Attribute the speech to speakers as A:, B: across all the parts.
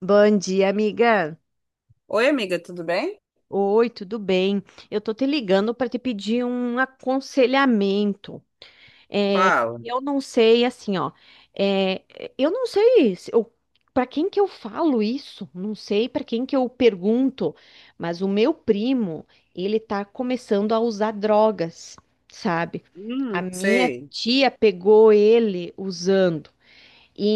A: Bom dia, amiga.
B: Oi, amiga, tudo bem?
A: Oi, tudo bem? Eu tô te ligando para te pedir um aconselhamento. É,
B: Fala.
A: eu não sei, assim, ó. é, eu não sei se eu, para quem que eu falo isso. Não sei para quem que eu pergunto. Mas o meu primo, ele tá começando a usar drogas, sabe? A minha
B: Sei,
A: tia pegou ele usando.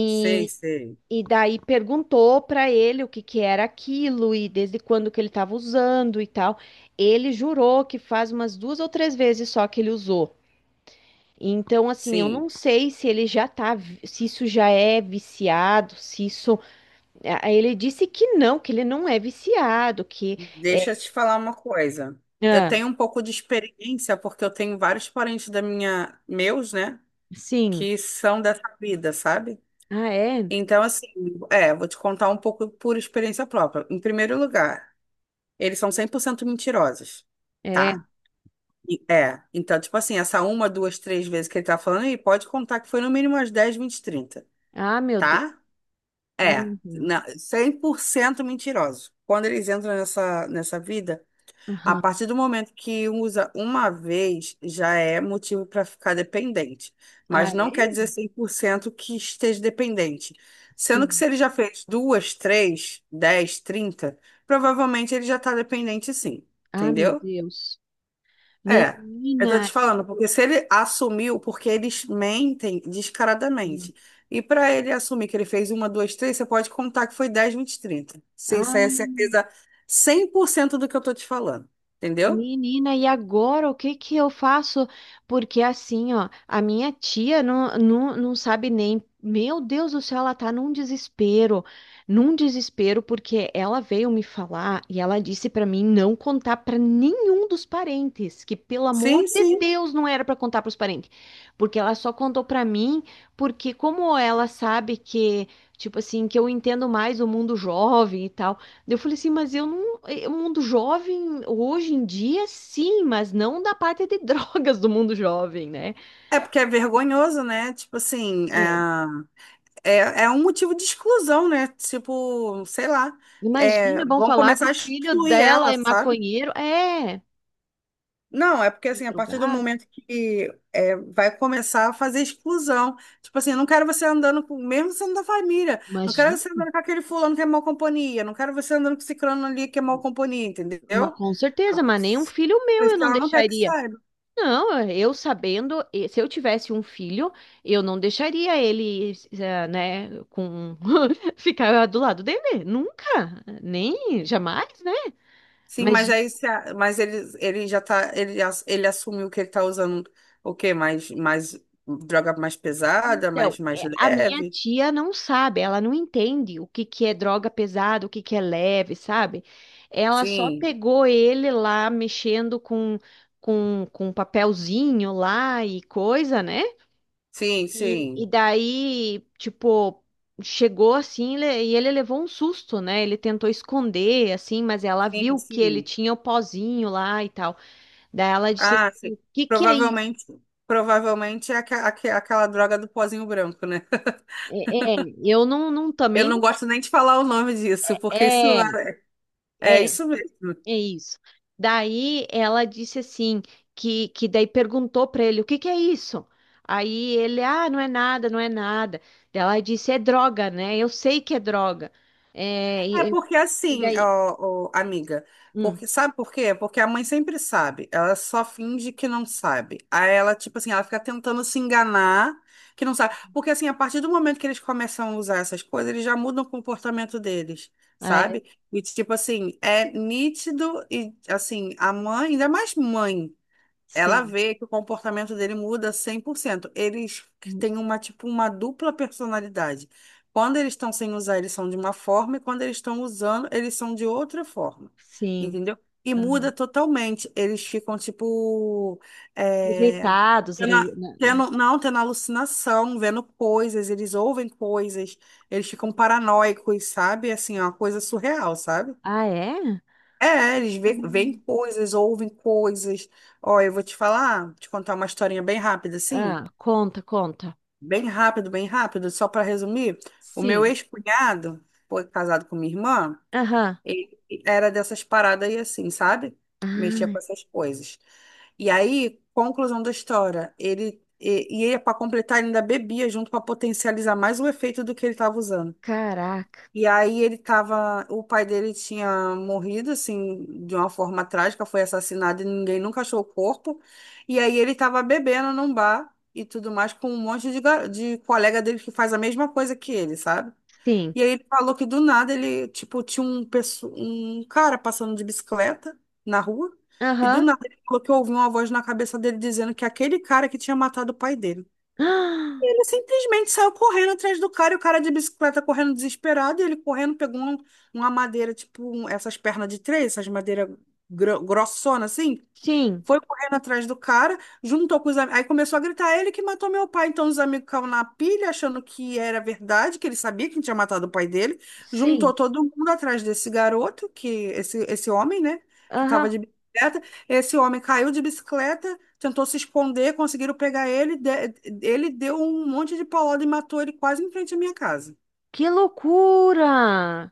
B: sei, sei.
A: E daí perguntou para ele o que que era aquilo e desde quando que ele estava usando e tal. Ele jurou que faz umas duas ou três vezes só que ele usou. Então, assim, eu não
B: Sim,
A: sei se ele já tá, se isso já é viciado, se isso. Ah, ele disse que não, que ele não é viciado, que é.
B: deixa eu te falar uma coisa. Eu
A: Ah,
B: tenho um pouco de experiência porque eu tenho vários parentes meus, né,
A: sim.
B: que são dessa vida, sabe?
A: Ah, é?
B: Então, assim, vou te contar um pouco por experiência própria. Em primeiro lugar, eles são 100% mentirosos,
A: É.
B: tá? Então, tipo assim, essa uma, duas, três vezes que ele tá falando, aí pode contar que foi no mínimo umas 10, 20, 30,
A: Ah, meu Deus.
B: tá? É,
A: Uhum.
B: cem por cento mentiroso. Quando eles entram nessa vida, a
A: Aham.
B: partir do momento que usa uma vez, já é motivo para ficar dependente.
A: Ah,
B: Mas não quer
A: é?
B: dizer 100% que esteja dependente. Sendo que
A: Sim.
B: se ele já fez duas, três, 10, 30, provavelmente ele já está dependente sim.
A: Ah, meu
B: Entendeu?
A: Deus.
B: É, eu tô
A: Menina.
B: te falando, porque se ele assumiu, porque eles mentem descaradamente. E para ele assumir que ele fez uma, duas, três, você pode contar que foi 10, 20, 30. Sim, isso aí é
A: Ah,
B: certeza 100% do que eu tô te falando. Entendeu?
A: menina, e agora o que que eu faço? Porque assim, ó, a minha tia não sabe nem. Meu Deus do céu, ela tá num desespero, porque ela veio me falar e ela disse pra mim não contar pra nenhum dos parentes, que pelo amor
B: Sim,
A: de
B: sim.
A: Deus não era pra contar pros parentes, porque ela só contou pra mim, porque como ela sabe que, tipo assim, que eu entendo mais o mundo jovem e tal. Eu falei assim, mas eu não. O mundo jovem, hoje em dia, sim, mas não da parte de drogas do mundo jovem, né?
B: É porque é vergonhoso, né? Tipo assim,
A: É,
B: é um motivo de exclusão, né? Tipo, sei lá. É,
A: imagina, vão
B: vão
A: falar que
B: começar
A: o
B: a
A: filho
B: excluir
A: dela
B: ela,
A: é
B: sabe?
A: maconheiro. É,
B: Não, é porque
A: um
B: assim, a partir do
A: drogado.
B: momento vai começar a fazer exclusão. Tipo assim, eu não quero você andando com, mesmo sendo da família, não quero
A: Imagina,
B: você andando com aquele fulano que é mau companhia, não quero você andando com esse crano ali que é mau companhia, entendeu?
A: com
B: A-
A: certeza, mas nem um filho
B: Por
A: meu
B: isso
A: eu
B: que
A: não
B: ela não quer que
A: deixaria.
B: saiba.
A: Não, eu sabendo, se eu tivesse um filho, eu não deixaria ele, eh, né, com ficar do lado dele. Nunca, nem, jamais, né?
B: Sim, mas
A: Imagina.
B: aí se a- mas ele já tá, ele assumiu que ele tá usando o quê? Mais droga mais pesada,
A: Então,
B: mais
A: é, a minha
B: leve?
A: tia não sabe, ela não entende o que que é droga pesada, o que que é leve, sabe? Ela só
B: Sim,
A: pegou ele lá mexendo com, com papelzinho lá e coisa, né?
B: sim,
A: E
B: sim.
A: daí, tipo, chegou assim e ele levou um susto, né? Ele tentou esconder, assim, mas ela
B: Sim,
A: viu que ele
B: sim.
A: tinha o pozinho lá e tal. Daí ela disse
B: Ah, sim.
A: assim, o que que é isso?
B: Provavelmente, provavelmente é aquela droga do pozinho branco, né?
A: É, é, eu não
B: Eu
A: também
B: não
A: não.
B: gosto nem de falar o nome disso, porque isso
A: É,
B: é
A: é.
B: isso mesmo.
A: É isso. Daí ela disse assim, que daí perguntou para ele, o que que é isso? Aí ele, ah, não é nada, não é nada. Daí ela disse, é droga, né? Eu sei que é droga. É,
B: É porque
A: e
B: assim,
A: daí,
B: ó, ó, amiga,
A: hum,
B: porque sabe por quê? Porque a mãe sempre sabe, ela só finge que não sabe. Aí ela, tipo assim, ela fica tentando se enganar que não sabe. Porque assim, a partir do momento que eles começam a usar essas coisas, eles já mudam o comportamento deles,
A: ah, é,
B: sabe? E tipo assim, é nítido e assim, a mãe, ainda mais mãe. Ela
A: sim,
B: vê que o comportamento dele muda 100%. Eles
A: hum,
B: têm uma, tipo, uma dupla personalidade. Quando eles estão sem usar, eles são de uma forma, e quando eles estão usando, eles são de outra forma.
A: sim,
B: Entendeu? E
A: aham.
B: muda totalmente. Eles ficam, tipo, é,
A: Irritados,
B: tendo,
A: né?
B: não, tendo alucinação, vendo coisas, eles ouvem coisas, eles ficam paranoicos, sabe? Assim, é uma coisa surreal, sabe?
A: Ah, é?
B: É, eles veem
A: Hum.
B: coisas, ouvem coisas. Ó, eu vou te falar, te contar uma historinha bem rápida, assim,
A: Ah, conta, conta.
B: bem rápido, só para resumir. O meu
A: Sim,
B: ex-cunhado, foi casado com minha irmã,
A: aham.
B: ele era dessas paradas aí assim, sabe? Mexia com
A: Ai,
B: essas coisas. E aí, conclusão da história, e ele para completar ele ainda bebia junto para potencializar mais o efeito do que ele estava usando.
A: caraca,
B: E aí o pai dele tinha morrido assim de uma forma trágica, foi assassinado e ninguém nunca achou o corpo. E aí ele tava bebendo num bar e tudo mais com um monte de colega dele que faz a mesma coisa que ele, sabe?
A: sim,
B: E aí ele falou que do nada ele, tipo, tinha um cara passando de bicicleta na rua e do
A: aham.
B: nada ele falou que ouviu uma voz na cabeça dele dizendo que aquele cara que tinha matado o pai dele.
A: Ah,
B: Ele simplesmente saiu correndo atrás do cara, e o cara de bicicleta correndo desesperado, e ele correndo, pegou uma madeira, tipo, essas pernas de três, essas madeiras grossona assim,
A: sim,
B: foi correndo atrás do cara, juntou com os amigos. Aí começou a gritar, ele que matou meu pai. Então os amigos caíram na pilha, achando que era verdade, que ele sabia quem tinha matado o pai dele.
A: sim.
B: Juntou todo mundo atrás desse garoto, que esse homem, né? Que estava
A: Aham.
B: de bicicleta. Esse homem caiu de bicicleta, tentou se esconder, conseguiram pegar ele. Ele deu um monte de paulada e matou ele quase em frente à minha casa.
A: Que loucura!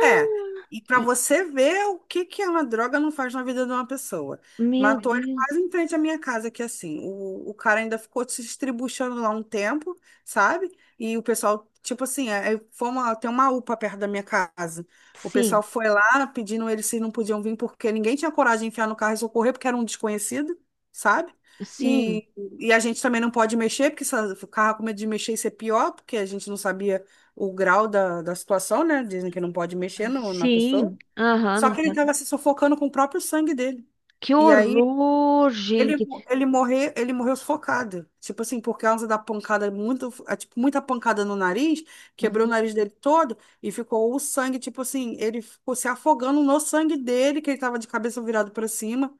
B: É, e para
A: E-
B: você ver o que que uma droga não faz na vida de uma pessoa.
A: meu
B: Matou ele
A: Deus.
B: quase em frente à minha casa, que assim, o cara ainda ficou se estribuchando lá um tempo, sabe? E o pessoal, tipo assim, tem uma UPA perto da minha casa. O
A: Sim,
B: pessoal foi lá pedindo eles se não podiam vir, porque ninguém tinha coragem de enfiar no carro e socorrer, porque era um desconhecido, sabe?
A: sim,
B: E, e a gente também não pode mexer, porque se o carro com medo de mexer, isso é pior, porque a gente não sabia o grau da situação, né? Dizem que não pode mexer na pessoa.
A: sim. Aham,
B: Só
A: não
B: que ele
A: pode.
B: estava se sufocando com o próprio sangue dele.
A: Que
B: E aí
A: horror,
B: ele,
A: gente.
B: ele morreu sufocado. Tipo assim, por causa da pancada, tipo, muita pancada no nariz, quebrou o
A: Uhum.
B: nariz dele todo e ficou o sangue, tipo assim, ele ficou se afogando no sangue dele, que ele estava de cabeça virado para cima.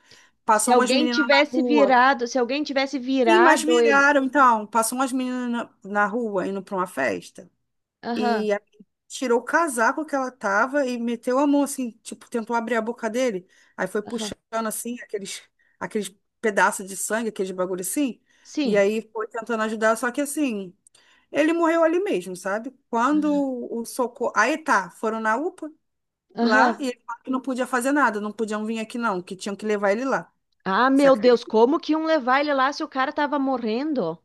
A: Se
B: Passou umas
A: alguém
B: meninas na
A: tivesse
B: rua.
A: virado, se alguém tivesse
B: Sim, mas
A: virado ele.
B: viraram, então. Passou umas meninas na rua indo para uma festa.
A: Aham,
B: E aí tirou o casaco que ela tava e meteu a mão assim, tipo, tentou abrir a boca dele. Aí foi
A: aham.
B: puxando assim aqueles pedaços de sangue, aqueles bagulho assim. E
A: Sim,
B: aí foi tentando ajudar, só que assim, ele morreu ali mesmo, sabe? Quando o socorro. Aí tá, foram na UPA lá e
A: aham.
B: ele falou que não podia fazer nada, não podiam vir aqui não, que tinham que levar ele lá.
A: Ah,
B: Você
A: meu Deus,
B: acredita?
A: como que iam levar ele lá se o cara tava morrendo?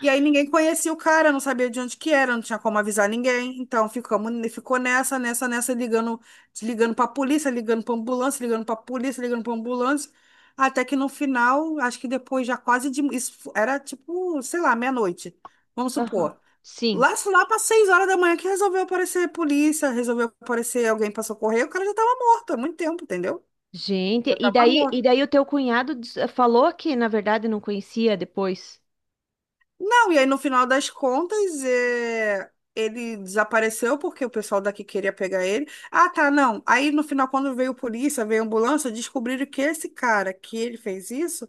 B: E aí ninguém conhecia o cara, não sabia de onde que era, não tinha como avisar ninguém. Então ficou nessa, ligando pra polícia, ligando pra ambulância, ligando pra polícia, ligando pra ambulância. Até que no final, acho que depois já quase de. Isso era tipo, sei lá, meia-noite, vamos
A: Aham.
B: supor.
A: Sim.
B: Lá para 6 horas da manhã que resolveu aparecer polícia, resolveu aparecer alguém pra socorrer, o cara já tava morto há muito tempo, entendeu?
A: Gente,
B: Já tava
A: e
B: morto.
A: daí o teu cunhado falou que, na verdade, não conhecia depois.
B: Não, e aí no final das contas, ele desapareceu porque o pessoal daqui queria pegar ele. Ah, tá, não. Aí no final, quando veio polícia, veio ambulância, descobriram que esse cara que ele fez isso,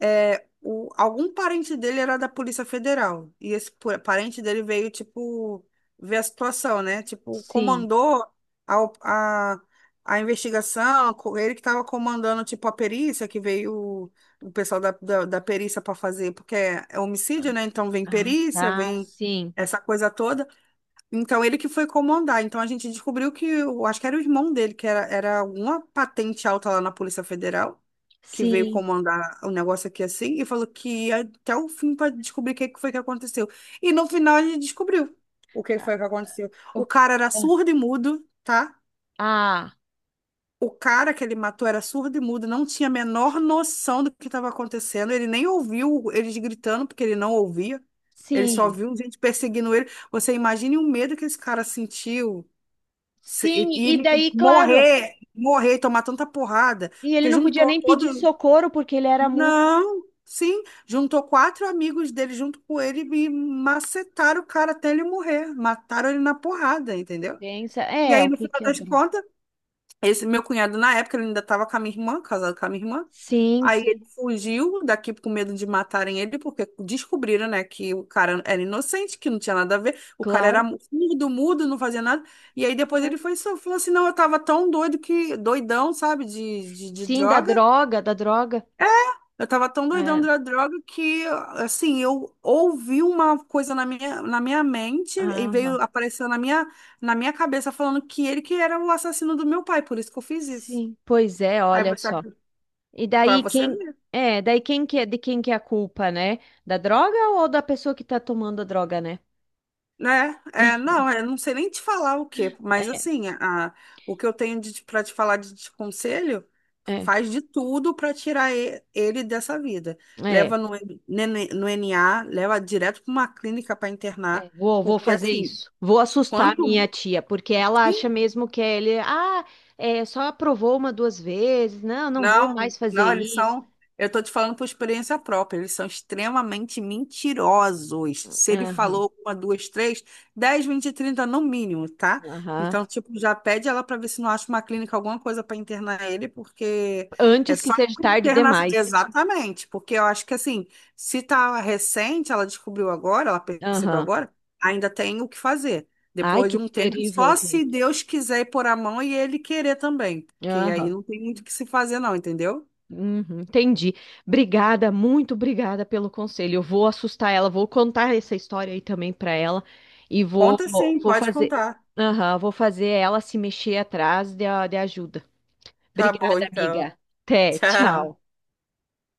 B: algum parente dele era da Polícia Federal. E esse parente dele veio, tipo, ver a situação, né? Tipo,
A: Sim.
B: comandou a, op- a, a investigação, ele que estava comandando, tipo, a perícia que veio o pessoal da perícia para fazer, porque é homicídio, né? Então vem
A: Ah,
B: perícia,
A: ah,
B: vem
A: sim,
B: essa coisa toda. Então ele que foi comandar. Então a gente descobriu que, eu acho que era o irmão dele, que era alguma patente alta lá na Polícia Federal, que veio
A: sim.
B: comandar o negócio aqui assim, e falou que ia até o fim para descobrir o que que foi que aconteceu. E no final a gente descobriu o que
A: Ah,
B: foi que aconteceu. O
A: o-
B: cara era
A: é.
B: surdo e mudo, tá?
A: Ah,
B: O cara que ele matou era surdo e mudo, não tinha a menor noção do que estava acontecendo. Ele nem ouviu eles gritando, porque ele não ouvia. Ele só
A: sim,
B: viu gente perseguindo ele. Você imagine o medo que esse cara sentiu. Se- E
A: sim.
B: e
A: E
B: ele
A: daí, claro,
B: morrer, morrer, e tomar tanta porrada.
A: e ele
B: Porque
A: não podia
B: juntou
A: nem pedir
B: todo.
A: socorro porque ele era muito
B: Não, sim. Juntou quatro amigos dele junto com ele e macetaram o cara até ele morrer. Mataram ele na porrada, entendeu?
A: densa.
B: E
A: É,
B: aí,
A: o
B: no
A: que
B: final
A: que é
B: das
A: droga?
B: contas. Esse meu cunhado, na época, ele ainda estava com a minha irmã, casado com a minha irmã.
A: Sim,
B: Aí ele
A: sim,
B: fugiu daqui com medo de matarem ele, porque descobriram, né, que o cara era inocente, que não tinha nada a ver. O cara era
A: claro.
B: mudo, mudo, não fazia nada. E aí depois ele foi só falou assim: não, eu tava tão doido que, doidão, sabe, de
A: Sim, da
B: droga.
A: droga, da droga.
B: É, eu tava tão doidão
A: É,
B: da droga que, assim, eu ouvi uma coisa na minha mente e
A: aham.
B: veio, apareceu na minha cabeça falando que ele que era o assassino do meu pai, por isso que eu fiz isso.
A: Sim, pois é,
B: Aí
A: olha
B: você,
A: só. E
B: para
A: daí
B: você
A: quem
B: ver,
A: é, daí quem que é de quem que é a culpa, né? Da droga ou da pessoa que tá tomando a droga, né?
B: né? Não, eu não sei nem te falar o quê, mas
A: É,
B: assim, o que eu tenho para te falar de conselho,
A: é,
B: faz de tudo para tirar ele dessa vida.
A: é.
B: Leva no NA, leva direto para uma clínica para
A: É,
B: internar,
A: vou, vou
B: porque
A: fazer
B: assim,
A: isso. Vou assustar
B: quanto,
A: minha tia, porque ela
B: sim,
A: acha mesmo que ele, ah, é, só aprovou uma, duas vezes. Não, não vou
B: não,
A: mais fazer
B: não, eles
A: isso.
B: são. Eu tô te falando por experiência própria, eles são extremamente mentirosos. Se ele
A: Aham,
B: falou uma, duas, três, 10, 20, 30 no mínimo, tá?
A: aham.
B: Então, tipo, já pede ela pra ver se não acha uma clínica, alguma coisa pra internar ele, porque é
A: Antes que
B: só
A: seja tarde
B: internar.
A: demais.
B: Exatamente, porque eu acho que assim, se tá recente, ela descobriu agora, ela percebeu
A: Aham.
B: agora, ainda tem o que fazer.
A: Ai,
B: Depois
A: que
B: de um tempo,
A: terrível,
B: só se
A: gente.
B: Deus quiser ir pôr a mão e ele querer também. Que aí
A: Aham.
B: não tem muito o que se fazer, não, entendeu?
A: Uhum, entendi. Obrigada, muito obrigada pelo conselho. Eu vou assustar ela, vou contar essa história aí também para ela e vou,
B: Conta
A: vou
B: sim,
A: vou
B: pode
A: fazer,
B: contar.
A: aham, vou fazer ela se mexer atrás de, de ajuda.
B: Tá bom,
A: Obrigada,
B: então.
A: amiga. Até,
B: Tchau.
A: tchau.